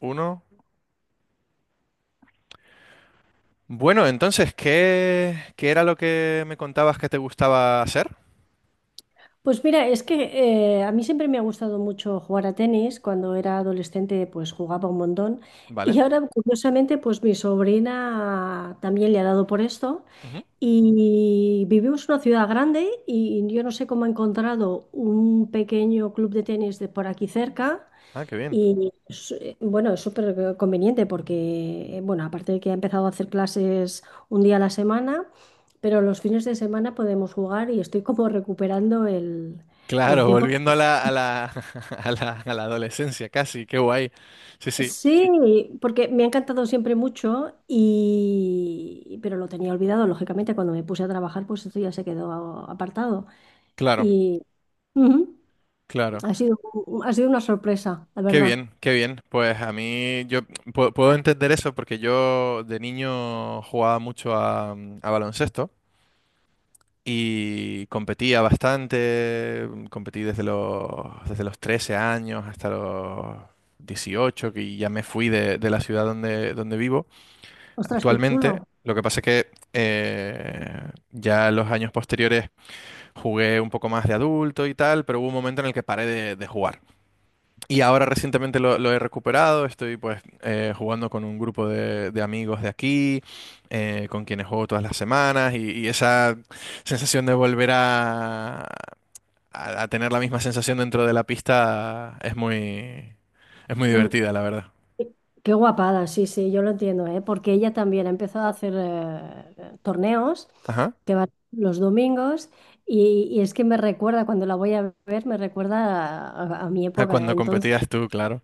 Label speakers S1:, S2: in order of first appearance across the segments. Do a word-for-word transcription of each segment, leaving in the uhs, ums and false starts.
S1: Uno. Bueno, entonces, ¿qué, qué era lo que me contabas que te gustaba hacer?
S2: Pues mira, es que eh, a mí siempre me ha gustado mucho jugar a tenis. Cuando era adolescente, pues jugaba un montón.
S1: ¿Vale?
S2: Y ahora, curiosamente, pues mi sobrina también le ha dado por esto.
S1: Ujú.
S2: Y vivimos en una ciudad grande y yo no sé cómo ha encontrado un pequeño club de tenis de por aquí cerca.
S1: Ah, qué bien.
S2: Y es, eh, bueno, es súper conveniente porque, eh, bueno, aparte de que ha empezado a hacer clases un día a la semana, pero los fines de semana podemos jugar y estoy como recuperando el, el
S1: Claro,
S2: tiempo.
S1: volviendo a la, a la, a la, a la adolescencia casi, qué guay. Sí, sí,
S2: Sí, porque me ha encantado siempre mucho y, pero lo tenía olvidado, lógicamente, cuando me puse a trabajar, pues esto ya se quedó a- apartado.
S1: claro,
S2: Y ujú,
S1: claro.
S2: ha sido, ha sido una sorpresa, la
S1: Qué
S2: verdad.
S1: bien, qué bien. Pues a mí yo pu- puedo entender eso porque yo de niño jugaba mucho a, a, baloncesto. Y competía bastante, competí desde los, desde los trece años hasta los dieciocho que ya me fui de, de, la ciudad donde, donde vivo
S2: Ostras, qué
S1: actualmente.
S2: chulo.
S1: Lo que pasa es que eh, ya los años posteriores jugué un poco más de adulto y tal, pero hubo un momento en el que paré de, de, jugar. Y ahora recientemente lo, lo he recuperado, estoy pues eh, jugando con un grupo de, de, amigos de aquí, eh, con quienes juego todas las semanas y, y esa sensación de volver a, a- a tener la misma sensación dentro de la pista es muy, es muy
S2: Qué,
S1: divertida, la verdad.
S2: Qué guapada, sí, sí, yo lo entiendo, ¿eh? Porque ella también ha empezado a hacer eh, torneos
S1: Ajá.
S2: que van los domingos y, y es que me recuerda, cuando la voy a ver, me recuerda a, a- a mi
S1: A
S2: época,
S1: cuando
S2: entonces,
S1: competías tú, claro.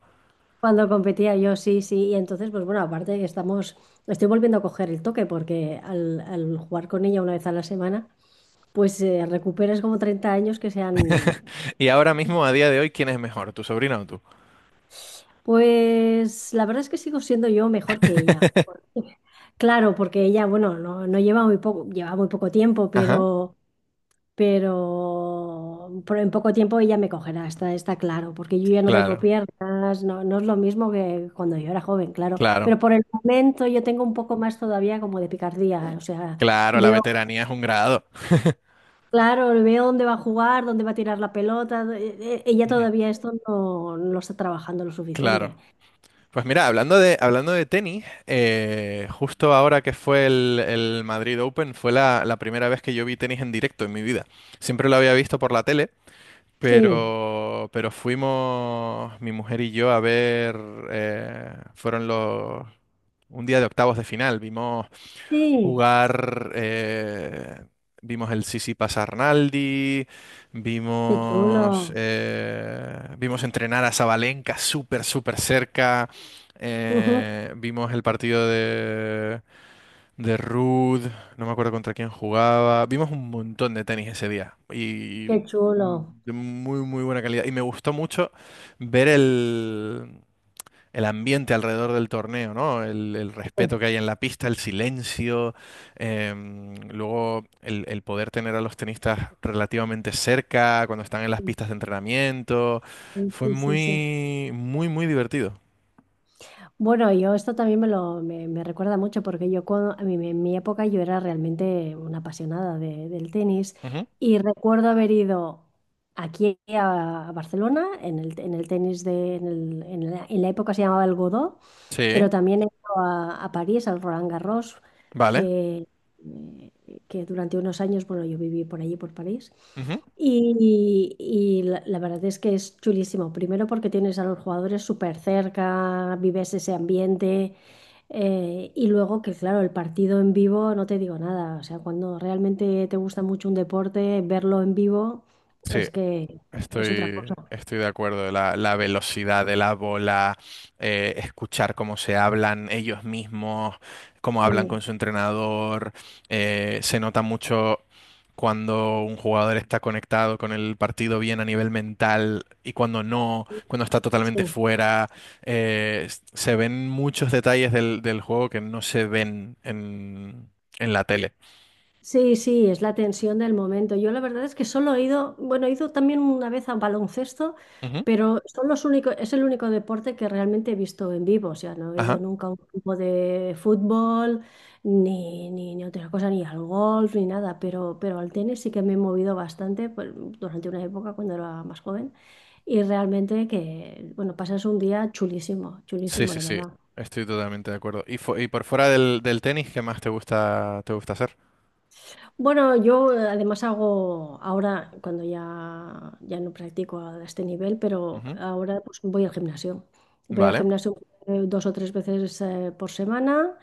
S2: cuando competía yo, sí, sí, y entonces, pues bueno, aparte que estamos, estoy volviendo a coger el toque porque al, al jugar con ella una vez a la semana, pues eh, recuperas como treinta años que se han.
S1: Y ahora mismo, a día de hoy, ¿quién es mejor, tu sobrina o tú?
S2: Pues la verdad es que sigo siendo yo mejor que ella. Porque... Claro, porque ella, bueno, no, no lleva muy poco, lleva muy poco tiempo,
S1: Ajá.
S2: pero, pero, pero en poco tiempo ella me cogerá, está, está claro, porque yo ya no tengo
S1: Claro,
S2: piernas, no, no es lo mismo que cuando yo era joven, claro.
S1: claro,
S2: Pero por el momento yo tengo un poco más todavía como de picardía, o sea,
S1: claro, la
S2: veo,
S1: veteranía es un grado.
S2: claro, veo dónde va a jugar, dónde va a tirar la pelota, eh, eh, ella
S1: Ujú.
S2: todavía esto no, no lo está trabajando lo suficiente.
S1: Claro. Pues mira, hablando de, hablando de, tenis, eh, justo ahora que fue el, el, Madrid Open, fue la, la primera vez que yo vi tenis en directo en mi vida. Siempre lo había visto por la tele,
S2: Sí,
S1: pero, pero fuimos mi mujer y yo a ver, eh, fueron los, un día de octavos de final, vimos
S2: sí.
S1: jugar. Eh, vimos el Sisi Arnaldi,
S2: Qué chulo.
S1: vimos, eh, vimos entrenar a Sabalenka súper, súper cerca.
S2: Ujú.
S1: Eh, vimos el partido de, de, Ruud, no me acuerdo contra quién jugaba. Vimos un montón de tenis ese día y
S2: Qué chulo.
S1: de muy, muy buena calidad. Y me gustó mucho ver el, el, ambiente alrededor del torneo, ¿no? El, el
S2: Sí,
S1: respeto que hay en la pista, el silencio, em, luego el, el poder tener a los tenistas relativamente cerca cuando están en las
S2: sí,
S1: pistas de entrenamiento. Fue
S2: sí, sí, sí.
S1: muy, muy, muy divertido.
S2: Bueno, yo esto también me lo me, me recuerda mucho porque yo cuando, en mi, en mi época yo era realmente una apasionada de- del tenis
S1: Ujú.
S2: y recuerdo haber ido aquí a, a Barcelona en el, en el tenis de en, el- en la, en la época se llamaba el Godó, pero
S1: Sí,
S2: también he ido a, a París al Roland Garros
S1: vale.
S2: que eh, que durante unos años bueno yo viví por allí por París.
S1: Ujú.
S2: Y, y la, la verdad es que es chulísimo. Primero porque tienes a los jugadores súper cerca, vives ese ambiente. eh, y luego que, claro, el partido en vivo no te digo nada. O sea, cuando realmente te gusta mucho un deporte, verlo en vivo
S1: Sí,
S2: es que es otra
S1: estoy,
S2: cosa.
S1: estoy de acuerdo. La, la velocidad de la bola, eh, escuchar cómo se hablan ellos mismos, cómo hablan
S2: Sí,
S1: con su entrenador. Eh, se nota mucho cuando un jugador está conectado con el partido bien a nivel mental y cuando no, cuando está totalmente
S2: sí.
S1: fuera. Eh, s- se ven muchos detalles del, del, juego que no se ven en, en la tele.
S2: Sí, sí, es la tensión del momento. Yo la verdad es que solo he ido, bueno, he ido también una vez a baloncesto,
S1: Ujú.
S2: pero son los únicos, es el único deporte que realmente he visto en vivo. O sea, no he ido
S1: Ajá.
S2: nunca a un grupo de fútbol, ni, ni, ni otra cosa, ni al golf, ni nada, pero, pero al tenis sí que me he movido bastante pues, durante una época cuando era más joven. Y realmente que, bueno, pasas un día chulísimo,
S1: Sí,
S2: chulísimo,
S1: sí,
S2: la
S1: sí.
S2: verdad.
S1: Estoy totalmente de acuerdo. ¿Y, fu- y por fuera del, del, tenis, qué más te gusta, te gusta hacer?
S2: Bueno, yo eh, además hago ahora, cuando ya, ya no practico a este nivel, pero
S1: Ujú.
S2: ahora pues voy al gimnasio. Voy al
S1: Vale.
S2: gimnasio eh, dos o tres veces eh, por semana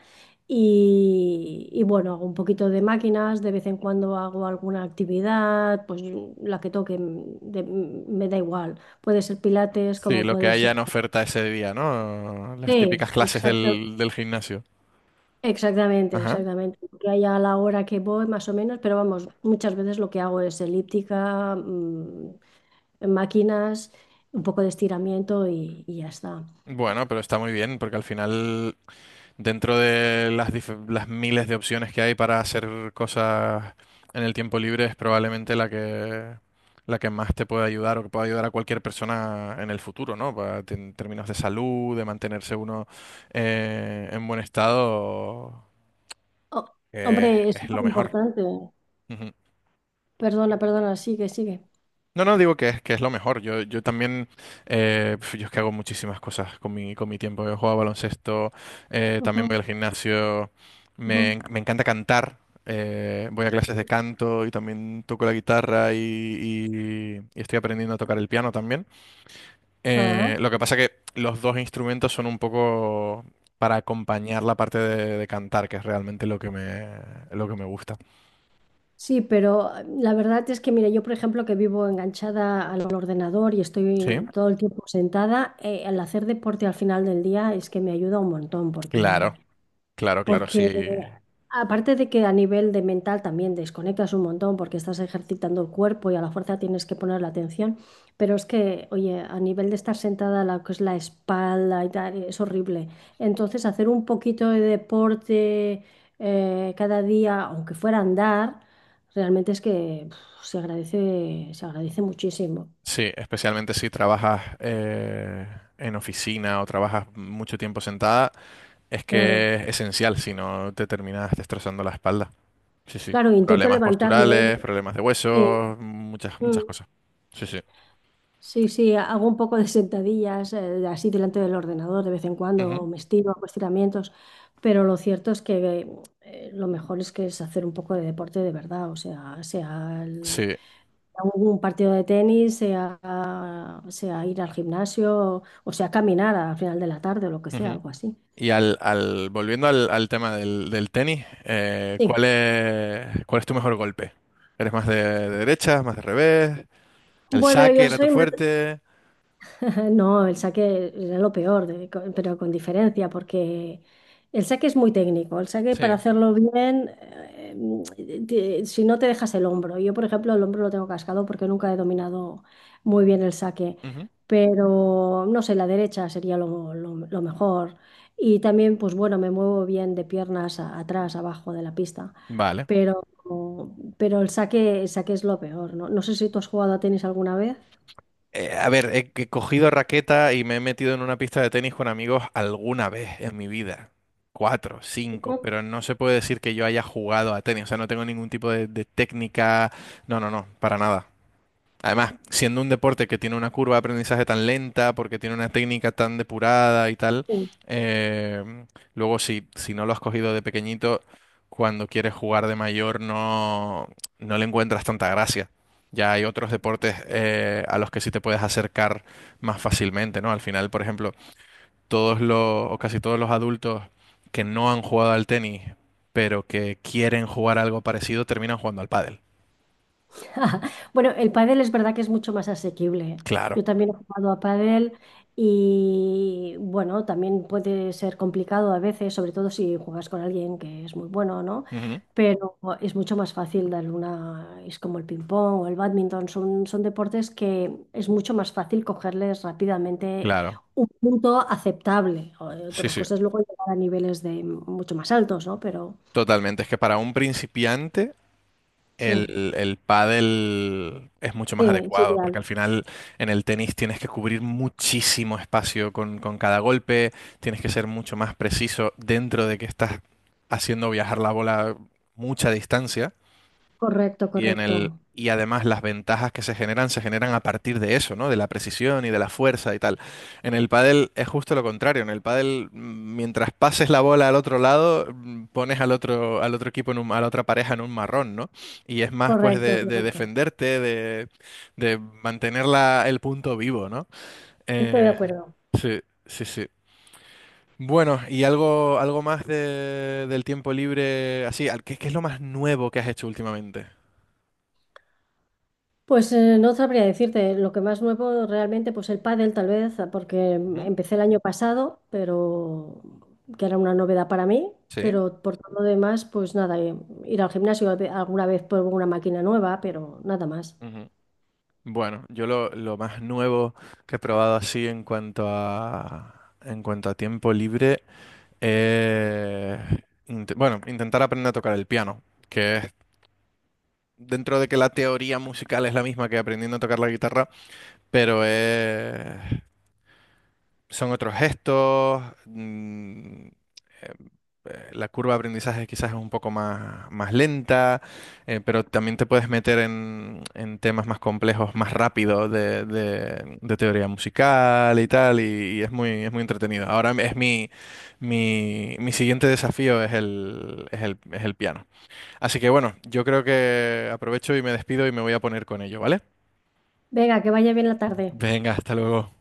S2: y, y, bueno, hago un poquito de máquinas, de vez en cuando hago alguna actividad, pues yo- la que toque, mm, de- mm, me da igual. Puede ser pilates,
S1: Sí,
S2: como
S1: lo que
S2: puede
S1: haya
S2: ser...
S1: en oferta ese día, ¿no? Las típicas
S2: Sí,
S1: clases
S2: exacto.
S1: del, del gimnasio.
S2: Exactamente,
S1: Ajá.
S2: exactamente. Que haya la hora que voy, más o menos, pero vamos, muchas veces lo que hago es elíptica, mm, máquinas, un poco de estiramiento y, y ya está.
S1: Bueno, pero está muy bien, porque al final, dentro de las, dif- las miles de opciones que hay para hacer cosas en el tiempo libre, es probablemente la que, la que más te puede ayudar o que puede ayudar a cualquier persona en el futuro, ¿no? Pa- te- en términos de salud, de mantenerse uno eh, en buen estado,
S2: Oh,
S1: eh,
S2: hombre, es
S1: es
S2: súper
S1: lo mejor.
S2: importante. Perdona, perdona, sigue, sigue.
S1: No, no, digo que es, que es, lo mejor. Yo, yo también, eh, pf, yo es que hago muchísimas cosas con mi, con mi tiempo. Yo juego a baloncesto, eh, también
S2: Ujú,
S1: voy al gimnasio, me,
S2: ujú.
S1: en- me encanta cantar, eh, voy a clases de canto y también toco la guitarra y, y- y estoy aprendiendo a tocar el piano también.
S2: Ah,
S1: Eh, lo que pasa que los dos instrumentos son un poco para acompañar la parte de, de, cantar, que es realmente lo que me, lo que me gusta.
S2: sí, pero mm, la verdad es que, mira, yo, por ejemplo, que vivo enganchada al ordenador y
S1: Sí,
S2: estoy todo el tiempo sentada, eh, el hacer deporte al final del día es que me ayuda un montón porque...
S1: claro, claro, claro, sí.
S2: Porque aparte de que a nivel de mental también desconectas un montón porque estás ejercitando el cuerpo y a la fuerza tienes que poner la atención, pero es que, oye, a nivel de estar sentada, la que es la espalda y tal, es horrible. Entonces, hacer un poquito de deporte eh, cada día, aunque fuera a andar, realmente es que uf, se agradece, se agradece muchísimo.
S1: Sí, especialmente si trabajas eh, en oficina o trabajas mucho tiempo sentada, es
S2: Claro,
S1: que es esencial, si no te terminas destrozando la espalda. Sí, sí.
S2: claro, intento
S1: Problemas
S2: levantarme, ¿eh?
S1: posturales, problemas de
S2: Sí.
S1: huesos, muchas,
S2: Mm.
S1: muchas cosas. Sí, sí.
S2: Sí, sí, hago un poco de sentadillas eh, así delante del ordenador de vez en cuando, o
S1: Ujú.
S2: me estiro, hago estiramientos, pero lo cierto es que eh, lo mejor es que es hacer un poco de deporte de verdad, o sea, sea el-
S1: Sí.
S2: un partido de tenis, sea, sea ir al gimnasio, o sea, caminar al final de la tarde o lo que sea,
S1: Ujú.
S2: algo así.
S1: Y al, al, volviendo al, al tema del, del, tenis, eh,
S2: Sí.
S1: ¿cuál es, cuál es tu mejor golpe? ¿Eres más de, de derecha, más de revés? ¿El
S2: Bueno,
S1: saque
S2: yo
S1: era tu
S2: soy más...
S1: fuerte?
S2: No, el saque era lo peor, de- co- pero con diferencia, porque el saque es muy técnico. El saque para
S1: Sí.
S2: hacerlo bien, eh, mm, te- si no te dejas el hombro. Yo, por ejemplo, el hombro lo tengo cascado porque nunca he dominado muy bien el saque,
S1: Ujú.
S2: pero no sé, la derecha sería lo, lo- lo mejor. Y también, pues bueno, me muevo bien de piernas a- atrás, abajo de la pista,
S1: Vale.
S2: pero, pero el saque, el saque es lo peor, ¿no? No sé si tú has jugado a tenis alguna vez.
S1: Eh, a ver, he, he cogido raqueta y me he metido en una pista de tenis con amigos alguna vez en mi vida. Cuatro, cinco, pero no se puede decir que yo haya jugado a tenis. O sea, no tengo ningún tipo de, de, técnica. No, no, no, para nada. Además, siendo un deporte que tiene una curva de aprendizaje tan lenta, porque tiene una técnica tan depurada y tal,
S2: Ujú.
S1: eh, luego si, si no lo has cogido de pequeñito, cuando quieres jugar de mayor no, no le encuentras tanta gracia. Ya hay otros deportes eh, a los que sí te puedes acercar más fácilmente, ¿no? Al final, por ejemplo, todos los, o casi todos los adultos que no han jugado al tenis, pero que quieren jugar algo parecido, terminan jugando al pádel.
S2: Bueno, el pádel es verdad que es mucho más asequible, ¿eh?
S1: Claro.
S2: Yo también he jugado a pádel y bueno, también puede ser complicado a veces, sobre todo si juegas con alguien que es muy bueno, ¿no?
S1: Ujú.
S2: Pero es mucho más fácil darle una, es como el ping pong o el bádminton, son, son deportes que es mucho más fácil cogerles rápidamente
S1: Claro.
S2: un punto aceptable. O...
S1: Sí,
S2: Otra
S1: sí.
S2: cosa es luego llegar a niveles de mucho más altos, ¿no? Pero
S1: Totalmente, es que para un principiante
S2: sí,
S1: el, el, pádel es mucho más
S2: sí, es
S1: adecuado, porque
S2: ideal.
S1: al final en el tenis tienes que cubrir muchísimo espacio con, con cada golpe, tienes que ser mucho más preciso dentro de que estás haciendo viajar la bola mucha distancia.
S2: Correcto,
S1: Y en el,
S2: correcto.
S1: y además las ventajas que se generan se generan a partir de eso, ¿no? De la precisión y de la fuerza y tal. En el pádel es justo lo contrario. En el pádel, mm, mientras pases la bola al otro lado, mm, pones al otro, al otro, equipo en un- a la otra pareja en un marrón, ¿no? Y es más pues
S2: Correcto,
S1: de, de
S2: correcto.
S1: defenderte, de, de mantener la- el punto vivo, ¿no?
S2: Estoy de
S1: Eh,
S2: acuerdo.
S1: sí, sí, sí. Bueno, y algo, algo, más de- del tiempo libre, así, al- ¿qué, qué es lo más nuevo que has hecho últimamente?
S2: Pues eh, no sabría decirte lo que más nuevo realmente, pues el pádel tal vez, porque
S1: Ujú.
S2: empecé el año pasado, pero que era una novedad para mí,
S1: Sí.
S2: pero por todo lo demás, pues nada, eh, ir al gimnasio alguna vez por una máquina nueva, pero nada más.
S1: Bueno, yo lo, lo, más nuevo que he probado así en cuanto a en cuanto a tiempo libre, eh, int- bueno, intentar aprender a tocar el piano, que es dentro de que la teoría musical es la misma que aprendiendo a tocar la guitarra, pero es son otros gestos, mm, eh, eh, la curva de aprendizaje quizás es un poco más, más, lenta, eh, pero también te puedes meter en, en temas más complejos, más rápido de, de- de teoría musical y tal, y, y, es muy, es muy entretenido. Ahora es mi, mi, mi siguiente desafío es el, es el, es el piano. Así que bueno, yo creo que aprovecho y me despido y me voy a poner con ello, ¿vale?
S2: Venga, que vaya bien la tarde.
S1: Venga, hasta luego.